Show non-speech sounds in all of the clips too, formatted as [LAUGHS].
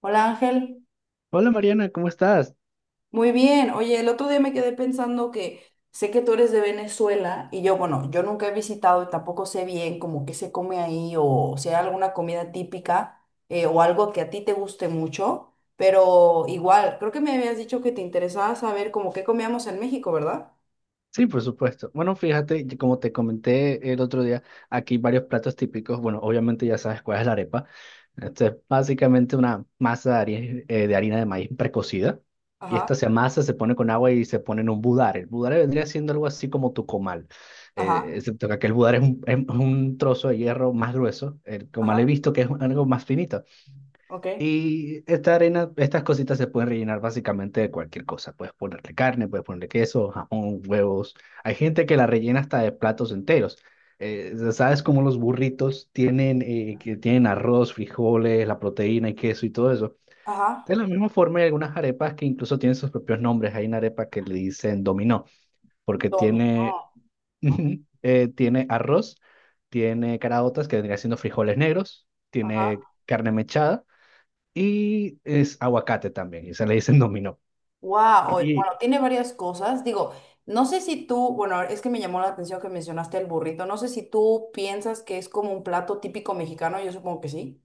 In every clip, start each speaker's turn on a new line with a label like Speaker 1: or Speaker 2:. Speaker 1: Hola Ángel,
Speaker 2: Hola Mariana, ¿cómo estás?
Speaker 1: muy bien. Oye, el otro día me quedé pensando que sé que tú eres de Venezuela y yo, bueno, yo nunca he visitado y tampoco sé bien como qué se come ahí o si hay alguna comida típica o algo que a ti te guste mucho, pero igual, creo que me habías dicho que te interesaba saber como qué comíamos en México, ¿verdad?
Speaker 2: Sí, por supuesto. Bueno, fíjate, y como te comenté el otro día, aquí varios platos típicos. Bueno, obviamente ya sabes cuál es la arepa. Esto es básicamente una masa de de harina de maíz precocida. Y
Speaker 1: Ajá,
Speaker 2: esta se amasa, se pone con agua y se pone en un budare. El budare vendría siendo algo así como tu comal.
Speaker 1: ajá,
Speaker 2: Excepto que aquel budare es es un trozo de hierro más grueso. El
Speaker 1: ajá,
Speaker 2: comal he visto que es algo más finito.
Speaker 1: ok,
Speaker 2: Y esta arena, estas cositas se pueden rellenar básicamente de cualquier cosa. Puedes ponerle carne, puedes ponerle queso, jamón, huevos. Hay gente que la rellena hasta de platos enteros. ¿Sabes cómo los burritos tienen, que tienen arroz, frijoles, la proteína y queso y todo eso? De
Speaker 1: ajá,
Speaker 2: la misma forma hay algunas arepas que incluso tienen sus propios nombres. Hay una arepa que le dicen dominó, porque
Speaker 1: dominó,
Speaker 2: tiene,
Speaker 1: ¿no?
Speaker 2: [LAUGHS] tiene arroz, tiene caraotas, que vendría siendo frijoles negros, tiene
Speaker 1: Ajá,
Speaker 2: carne mechada y es aguacate también, y se le dicen [LAUGHS] dominó.
Speaker 1: wow,
Speaker 2: Y
Speaker 1: bueno, tiene varias cosas. Digo, no sé si tú, bueno, es que me llamó la atención que mencionaste el burrito. No sé si tú piensas que es como un plato típico mexicano, yo supongo que sí.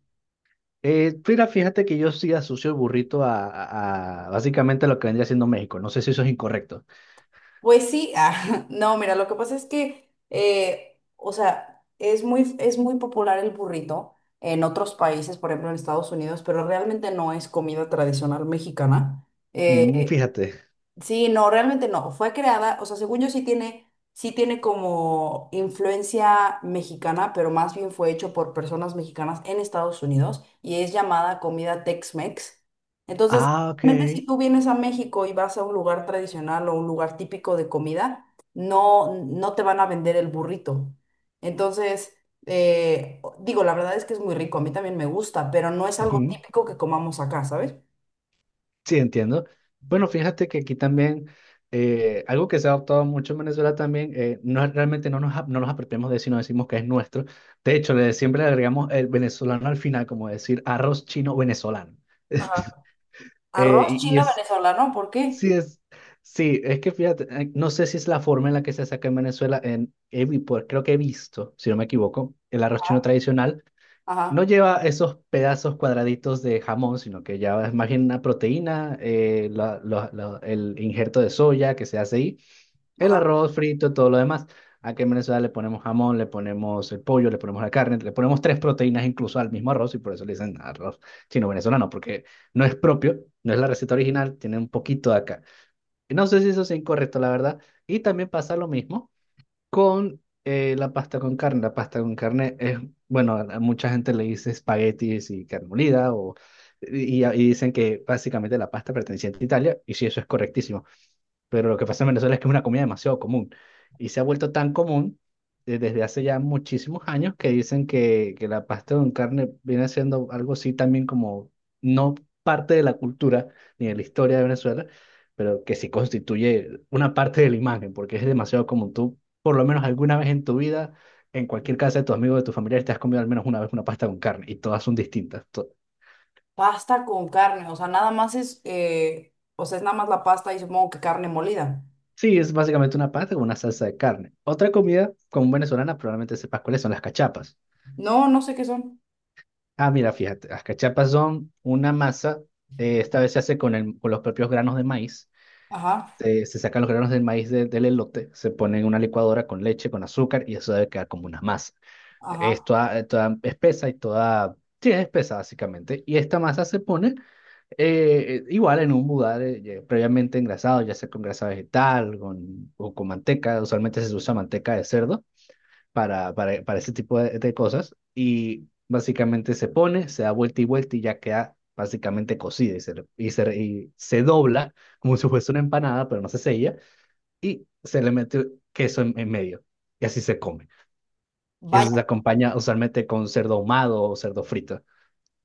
Speaker 2: Mira, fíjate que yo sí asocio el burrito a básicamente lo que vendría siendo México. No sé si eso es incorrecto.
Speaker 1: Pues sí, [LAUGHS] ah, no, mira, lo que pasa es que, o sea, es muy popular el burrito en otros países, por ejemplo en Estados Unidos, pero realmente no es comida tradicional mexicana.
Speaker 2: Mm,
Speaker 1: Eh,
Speaker 2: fíjate.
Speaker 1: Sí, no, realmente no. Fue creada, o sea, según yo sí tiene como influencia mexicana, pero más bien fue hecho por personas mexicanas en Estados Unidos y es llamada comida Tex-Mex. Entonces,
Speaker 2: Ah, ok.
Speaker 1: realmente si tú vienes a México y vas a un lugar tradicional o un lugar típico de comida, no te van a vender el burrito. Entonces, digo, la verdad es que es muy rico, a mí también me gusta, pero no es algo
Speaker 2: Ujú.
Speaker 1: típico que comamos acá, ¿sabes?
Speaker 2: Sí, entiendo. Bueno, fíjate que aquí también algo que se ha adoptado mucho en Venezuela también, no, realmente no nos, no nos apropiamos de eso, no decimos que es nuestro. De hecho, siempre le agregamos el venezolano al final, como decir arroz chino venezolano. [LAUGHS]
Speaker 1: Ajá. Arroz
Speaker 2: Y
Speaker 1: chino
Speaker 2: es
Speaker 1: venezolano, ¿por qué?
Speaker 2: sí, sí, es que fíjate, no sé si es la forma en la que se saca en Venezuela, en, pues, creo que he visto, si no me equivoco, el arroz chino tradicional no
Speaker 1: Ajá,
Speaker 2: lleva esos pedazos cuadraditos de jamón, sino que ya es más bien una proteína, el injerto de soya que se hace ahí, el
Speaker 1: ajá.
Speaker 2: arroz frito, todo lo demás. Aquí en Venezuela le ponemos jamón, le ponemos el pollo, le ponemos la carne, le ponemos tres proteínas incluso al mismo arroz y por eso le dicen arroz chino venezolano, porque no es propio, no es la receta original, tiene un poquito de acá. No sé si eso es incorrecto, la verdad. Y también pasa lo mismo con la pasta con carne. La pasta con carne es, bueno, a mucha gente le dice espaguetis y carne molida, y dicen que básicamente la pasta perteneciente a Italia, y sí, eso es correctísimo. Pero lo que pasa en Venezuela es que es una comida demasiado común y se ha vuelto tan común desde hace ya muchísimos años que dicen que la pasta con carne viene siendo algo así también como no parte de la cultura ni de la historia de Venezuela, pero que sí constituye una parte de la imagen porque es demasiado común. Tú, por lo menos alguna vez en tu vida, en cualquier casa de tus amigos, de tus familiares, te has comido al menos una vez una pasta con carne y todas son distintas. To-
Speaker 1: Pasta con carne, o sea, es nada más la pasta y supongo que carne molida.
Speaker 2: Sí, es básicamente una pasta con una salsa de carne. Otra comida común venezolana probablemente sepas cuáles son las cachapas.
Speaker 1: No, no sé qué son.
Speaker 2: Ah, mira, fíjate, las cachapas son una masa, esta vez se hace con, con los propios granos de maíz.
Speaker 1: Ajá,
Speaker 2: Se sacan los granos del maíz del elote, se ponen en una licuadora con leche, con azúcar y eso debe quedar como una masa.
Speaker 1: ajá.
Speaker 2: Es toda, toda espesa y toda... Sí, es espesa básicamente. Y esta masa se pone igual en un budar ya previamente engrasado, ya sea con grasa vegetal o con manteca. Usualmente se usa manteca de cerdo para ese tipo de cosas y básicamente se pone, se da vuelta y vuelta y ya queda básicamente cocida y y se dobla como si fuese una empanada, pero no se sella y se le mete queso en medio y así se come. Y eso se
Speaker 1: Vaya,
Speaker 2: acompaña usualmente con cerdo ahumado o cerdo frito.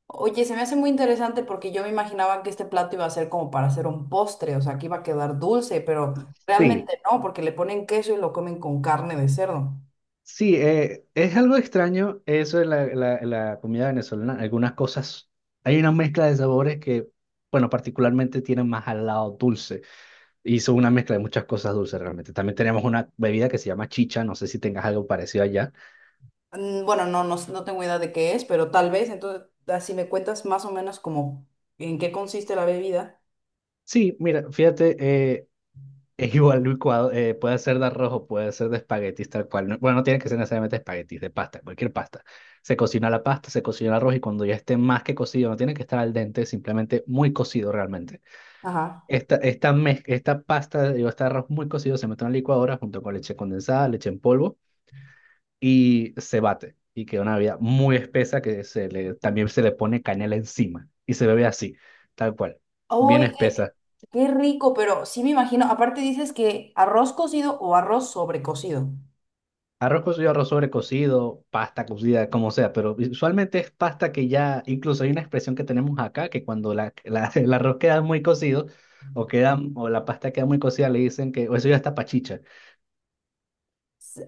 Speaker 1: oye, se me hace muy interesante porque yo me imaginaba que este plato iba a ser como para hacer un postre, o sea, que iba a quedar dulce, pero
Speaker 2: Sí,
Speaker 1: realmente no, porque le ponen queso y lo comen con carne de cerdo.
Speaker 2: sí, es algo extraño eso en la comida venezolana. Algunas cosas, hay una mezcla de sabores que, bueno, particularmente tienen más al lado dulce. Hizo una mezcla de muchas cosas dulces realmente. También tenemos una bebida que se llama chicha, no sé si tengas algo parecido allá.
Speaker 1: Mm, bueno, no, no, no tengo idea de qué es, pero tal vez, entonces, si me cuentas más o menos como en qué consiste la bebida.
Speaker 2: Sí, mira, fíjate, es [LAUGHS] igual licuado, puede ser de arroz o puede ser de espaguetis tal cual. No- bueno, no tiene que ser necesariamente espaguetis, de pasta, cualquier pasta. Se cocina la pasta, se cocina el arroz y cuando ya esté más que cocido, no tiene que estar al dente, simplemente muy cocido realmente.
Speaker 1: Ajá.
Speaker 2: Esta pasta, digo, este arroz muy cocido se mete en la licuadora junto con leche condensada, leche en polvo y se bate y queda una bebida muy espesa que también se le pone canela encima y se bebe así, tal cual, bien
Speaker 1: Oye.
Speaker 2: espesa.
Speaker 1: Qué rico, pero sí me imagino, aparte dices que arroz cocido o arroz sobrecocido.
Speaker 2: Arroz cocido, arroz sobrecocido, pasta cocida, como sea, pero usualmente es pasta que ya, incluso hay una expresión que tenemos acá, que cuando [LAUGHS] el arroz queda muy cocido o la pasta queda muy cocida, le dicen que o eso ya está pachicha.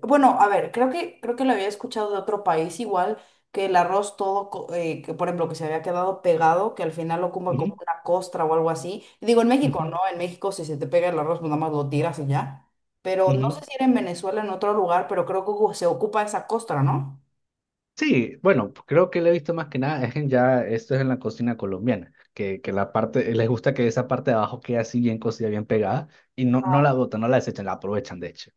Speaker 1: Bueno, a ver, creo que lo había escuchado de otro país igual, que el arroz todo, que por ejemplo, que se había quedado pegado, que al final lo como como
Speaker 2: Ujú,
Speaker 1: una costra o algo así. Digo, en México, ¿no?
Speaker 2: ujú,
Speaker 1: En México si se te pega el arroz, pues nada más lo tiras y ya. Pero no
Speaker 2: ujú.
Speaker 1: sé si era en Venezuela, en otro lugar, pero creo que se ocupa esa costra, ¿no?
Speaker 2: Sí, bueno, creo que le he visto más que nada, es en ya, esto es en la cocina colombiana, que la parte, les gusta que esa parte de abajo quede así bien cocida, bien pegada, y no, no
Speaker 1: Ah,
Speaker 2: la botan, no la desechan, la aprovechan de hecho.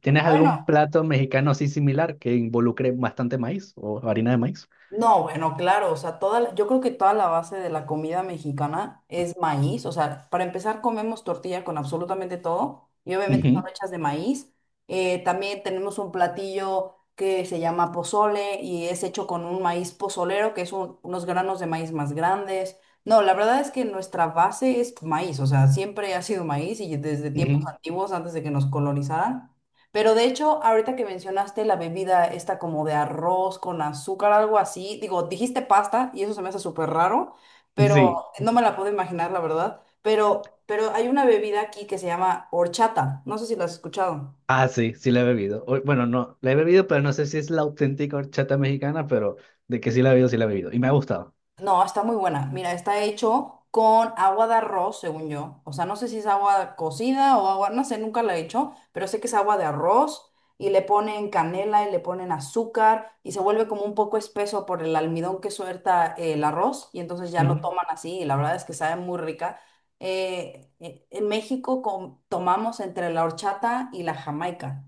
Speaker 2: ¿Tienes
Speaker 1: bueno.
Speaker 2: algún plato mexicano así similar que involucre bastante maíz o harina de maíz?
Speaker 1: No, bueno, claro, o sea, toda, yo creo que toda la base de la comida mexicana es maíz, o sea, para empezar comemos tortilla con absolutamente todo y obviamente son
Speaker 2: Ujú,
Speaker 1: hechas de maíz. También tenemos un platillo que se llama pozole y es hecho con un maíz pozolero, que es unos granos de maíz más grandes. No, la verdad es que nuestra base es maíz, o sea, siempre ha sido maíz y desde
Speaker 2: [LAUGHS]
Speaker 1: tiempos
Speaker 2: ujú.
Speaker 1: antiguos, antes de que nos colonizaran. Pero de hecho, ahorita que mencionaste la bebida esta como de arroz con azúcar, algo así, digo, dijiste pasta y eso se me hace súper raro, pero
Speaker 2: Sí,
Speaker 1: no me la puedo imaginar, la verdad. Pero hay una bebida aquí que se llama horchata, no sé si la has escuchado.
Speaker 2: ah, sí, sí la he bebido. O- bueno, no, la he bebido, pero no sé si es la auténtica horchata mexicana, pero de que sí la he bebido, sí la he bebido, y me ha gustado.
Speaker 1: No, está muy buena. Mira, está hecho con agua de arroz, según yo. O sea, no sé si es agua cocida o agua, no sé, nunca la he hecho, pero sé que es agua de arroz y le ponen canela y le ponen azúcar y se vuelve como un poco espeso por el almidón que suelta el arroz y entonces ya lo
Speaker 2: Ujú.
Speaker 1: toman así y la verdad es que sabe muy rica. En México tomamos entre la horchata y la jamaica.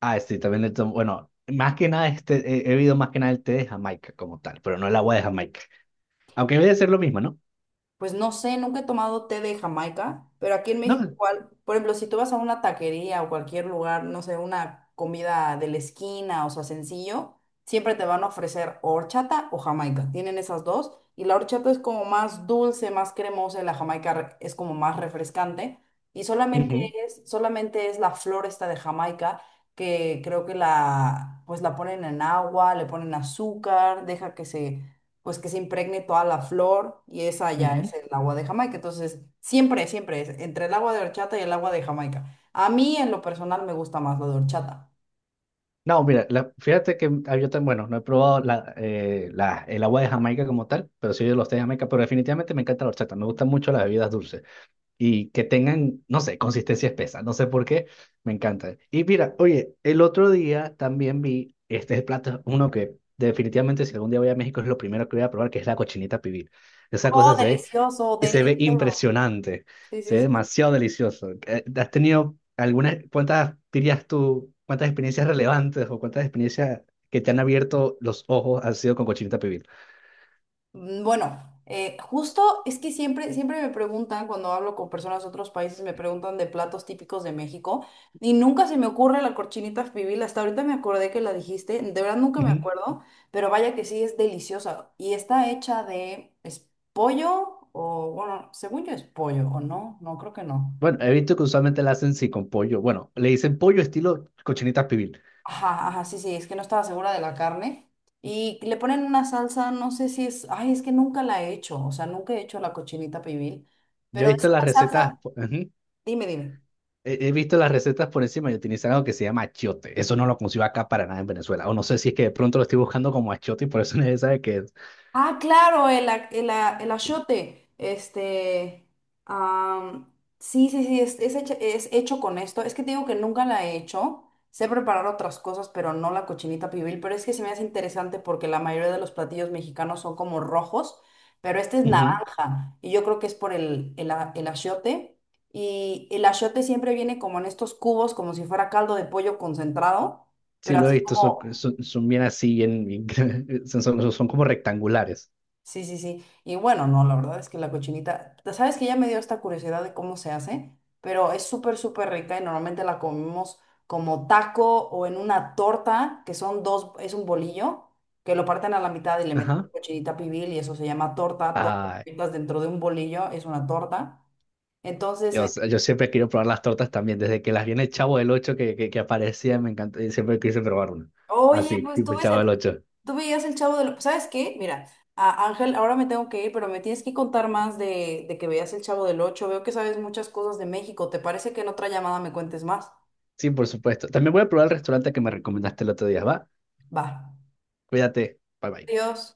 Speaker 2: Ah, sí, también le tomo, bueno, más que nada este, he bebido más que nada el té de Jamaica como tal, pero no el agua de Jamaica. Aunque debe ser lo mismo, ¿no?
Speaker 1: Pues no sé, nunca he tomado té de Jamaica, pero aquí en México
Speaker 2: No,
Speaker 1: igual, por ejemplo, si tú vas a una taquería o cualquier lugar, no sé, una comida de la esquina o sea, sencillo, siempre te van a ofrecer o horchata o Jamaica. Tienen esas dos y la horchata es como más dulce, más cremosa, y la Jamaica es como más refrescante y
Speaker 2: ujú,
Speaker 1: solamente es la flor esta de Jamaica que creo que la pues la ponen en agua, le ponen azúcar, deja que se pues que se impregne toda la flor y esa ya es
Speaker 2: ujú.
Speaker 1: el agua de Jamaica. Entonces, siempre es entre el agua de horchata y el agua de Jamaica. A mí en lo personal me gusta más la de horchata.
Speaker 2: No, mira, fíjate que ah, yo tan bueno, no he probado el agua de Jamaica como tal, pero sí de los té de Jamaica, pero definitivamente me encanta la horchata, me gustan mucho las bebidas dulces. Y que tengan, no sé, consistencia espesa, no sé por qué, me encantan. Y mira, oye, el otro día también vi, este es el plato, uno que definitivamente si algún día voy a México es lo primero que voy a probar, que es la cochinita pibil. Esa
Speaker 1: Oh,
Speaker 2: cosa se ve,
Speaker 1: delicioso,
Speaker 2: y se ve
Speaker 1: delicioso.
Speaker 2: impresionante,
Speaker 1: Sí,
Speaker 2: se
Speaker 1: sí,
Speaker 2: ve
Speaker 1: sí.
Speaker 2: demasiado delicioso. ¿Has tenido algunas, cuántas dirías tú, cuántas experiencias relevantes o cuántas experiencias que te han abierto los ojos han sido con cochinita pibil?
Speaker 1: Mm, bueno, justo es que siempre me preguntan cuando hablo con personas de otros países, me preguntan de platos típicos de México y nunca se me ocurre la cochinita pibil. Hasta ahorita me acordé que la dijiste, de verdad nunca me
Speaker 2: Ujú.
Speaker 1: acuerdo, pero vaya que sí es deliciosa y está hecha de es pollo o bueno, según yo es pollo o no, no creo que no.
Speaker 2: Bueno, he visto que usualmente la hacen sí con pollo. Bueno, le dicen pollo estilo cochinita pibil.
Speaker 1: Ajá, ajá, sí, sí, es que no estaba segura de la carne. Y le ponen una salsa, no sé si es, ay, es que nunca la he hecho, o sea, nunca he hecho la cochinita pibil,
Speaker 2: Yo he
Speaker 1: pero es
Speaker 2: visto las
Speaker 1: una
Speaker 2: recetas,
Speaker 1: salsa,
Speaker 2: po- ujú,
Speaker 1: dime, dime.
Speaker 2: He visto las recetas por encima y utilizan algo que se llama achiote. Eso no lo consigo acá para nada en Venezuela. O no sé si es que de pronto lo estoy buscando como achiote y por eso [LAUGHS] nadie sabe qué es.
Speaker 1: Ah, claro, el achiote. Este, am, sí, sí, sí, es hecho con esto. Es que te digo que nunca la he hecho. Sé preparar otras cosas, pero no la cochinita pibil. Pero es que se me hace interesante porque la mayoría de los platillos mexicanos son como rojos, pero este es
Speaker 2: Ujú,
Speaker 1: naranja. Y yo creo que es por el achiote. Y el achiote siempre viene como en estos cubos, como si fuera caldo de pollo concentrado,
Speaker 2: sí,
Speaker 1: pero
Speaker 2: lo
Speaker 1: así.
Speaker 2: he visto. Son, son bien así, bien, bien [LAUGHS] son, son como rectangulares.
Speaker 1: Sí, sí, sí. Y bueno, no, la verdad es que la cochinita, sabes que ya me dio esta curiosidad de cómo se hace, pero es súper, súper rica y normalmente la comemos como taco o en una torta, que son dos, es un bolillo, que lo parten a la mitad y le meten
Speaker 2: Ajá.
Speaker 1: cochinita pibil y eso se llama torta. Todo lo
Speaker 2: Ay,
Speaker 1: que metas dentro de un bolillo es una torta. Entonces,
Speaker 2: yo siempre quiero probar las tortas también. Desde que las vi en el Chavo del Ocho que aparecía, me encantó. Y siempre quise probar una.
Speaker 1: oye,
Speaker 2: Así,
Speaker 1: pues tú
Speaker 2: tipo el
Speaker 1: ves,
Speaker 2: Chavo del Ocho.
Speaker 1: tú veías el Chavo del... ¿Sabes qué? Mira, Ángel, ahora me tengo que ir, pero me tienes que contar más de que veías el Chavo del Ocho. Veo que sabes muchas cosas de México. ¿Te parece que en otra llamada me cuentes más?
Speaker 2: Sí, por supuesto. También voy a probar el restaurante que me recomendaste el otro día. Va,
Speaker 1: Va.
Speaker 2: cuídate. Bye bye.
Speaker 1: Adiós.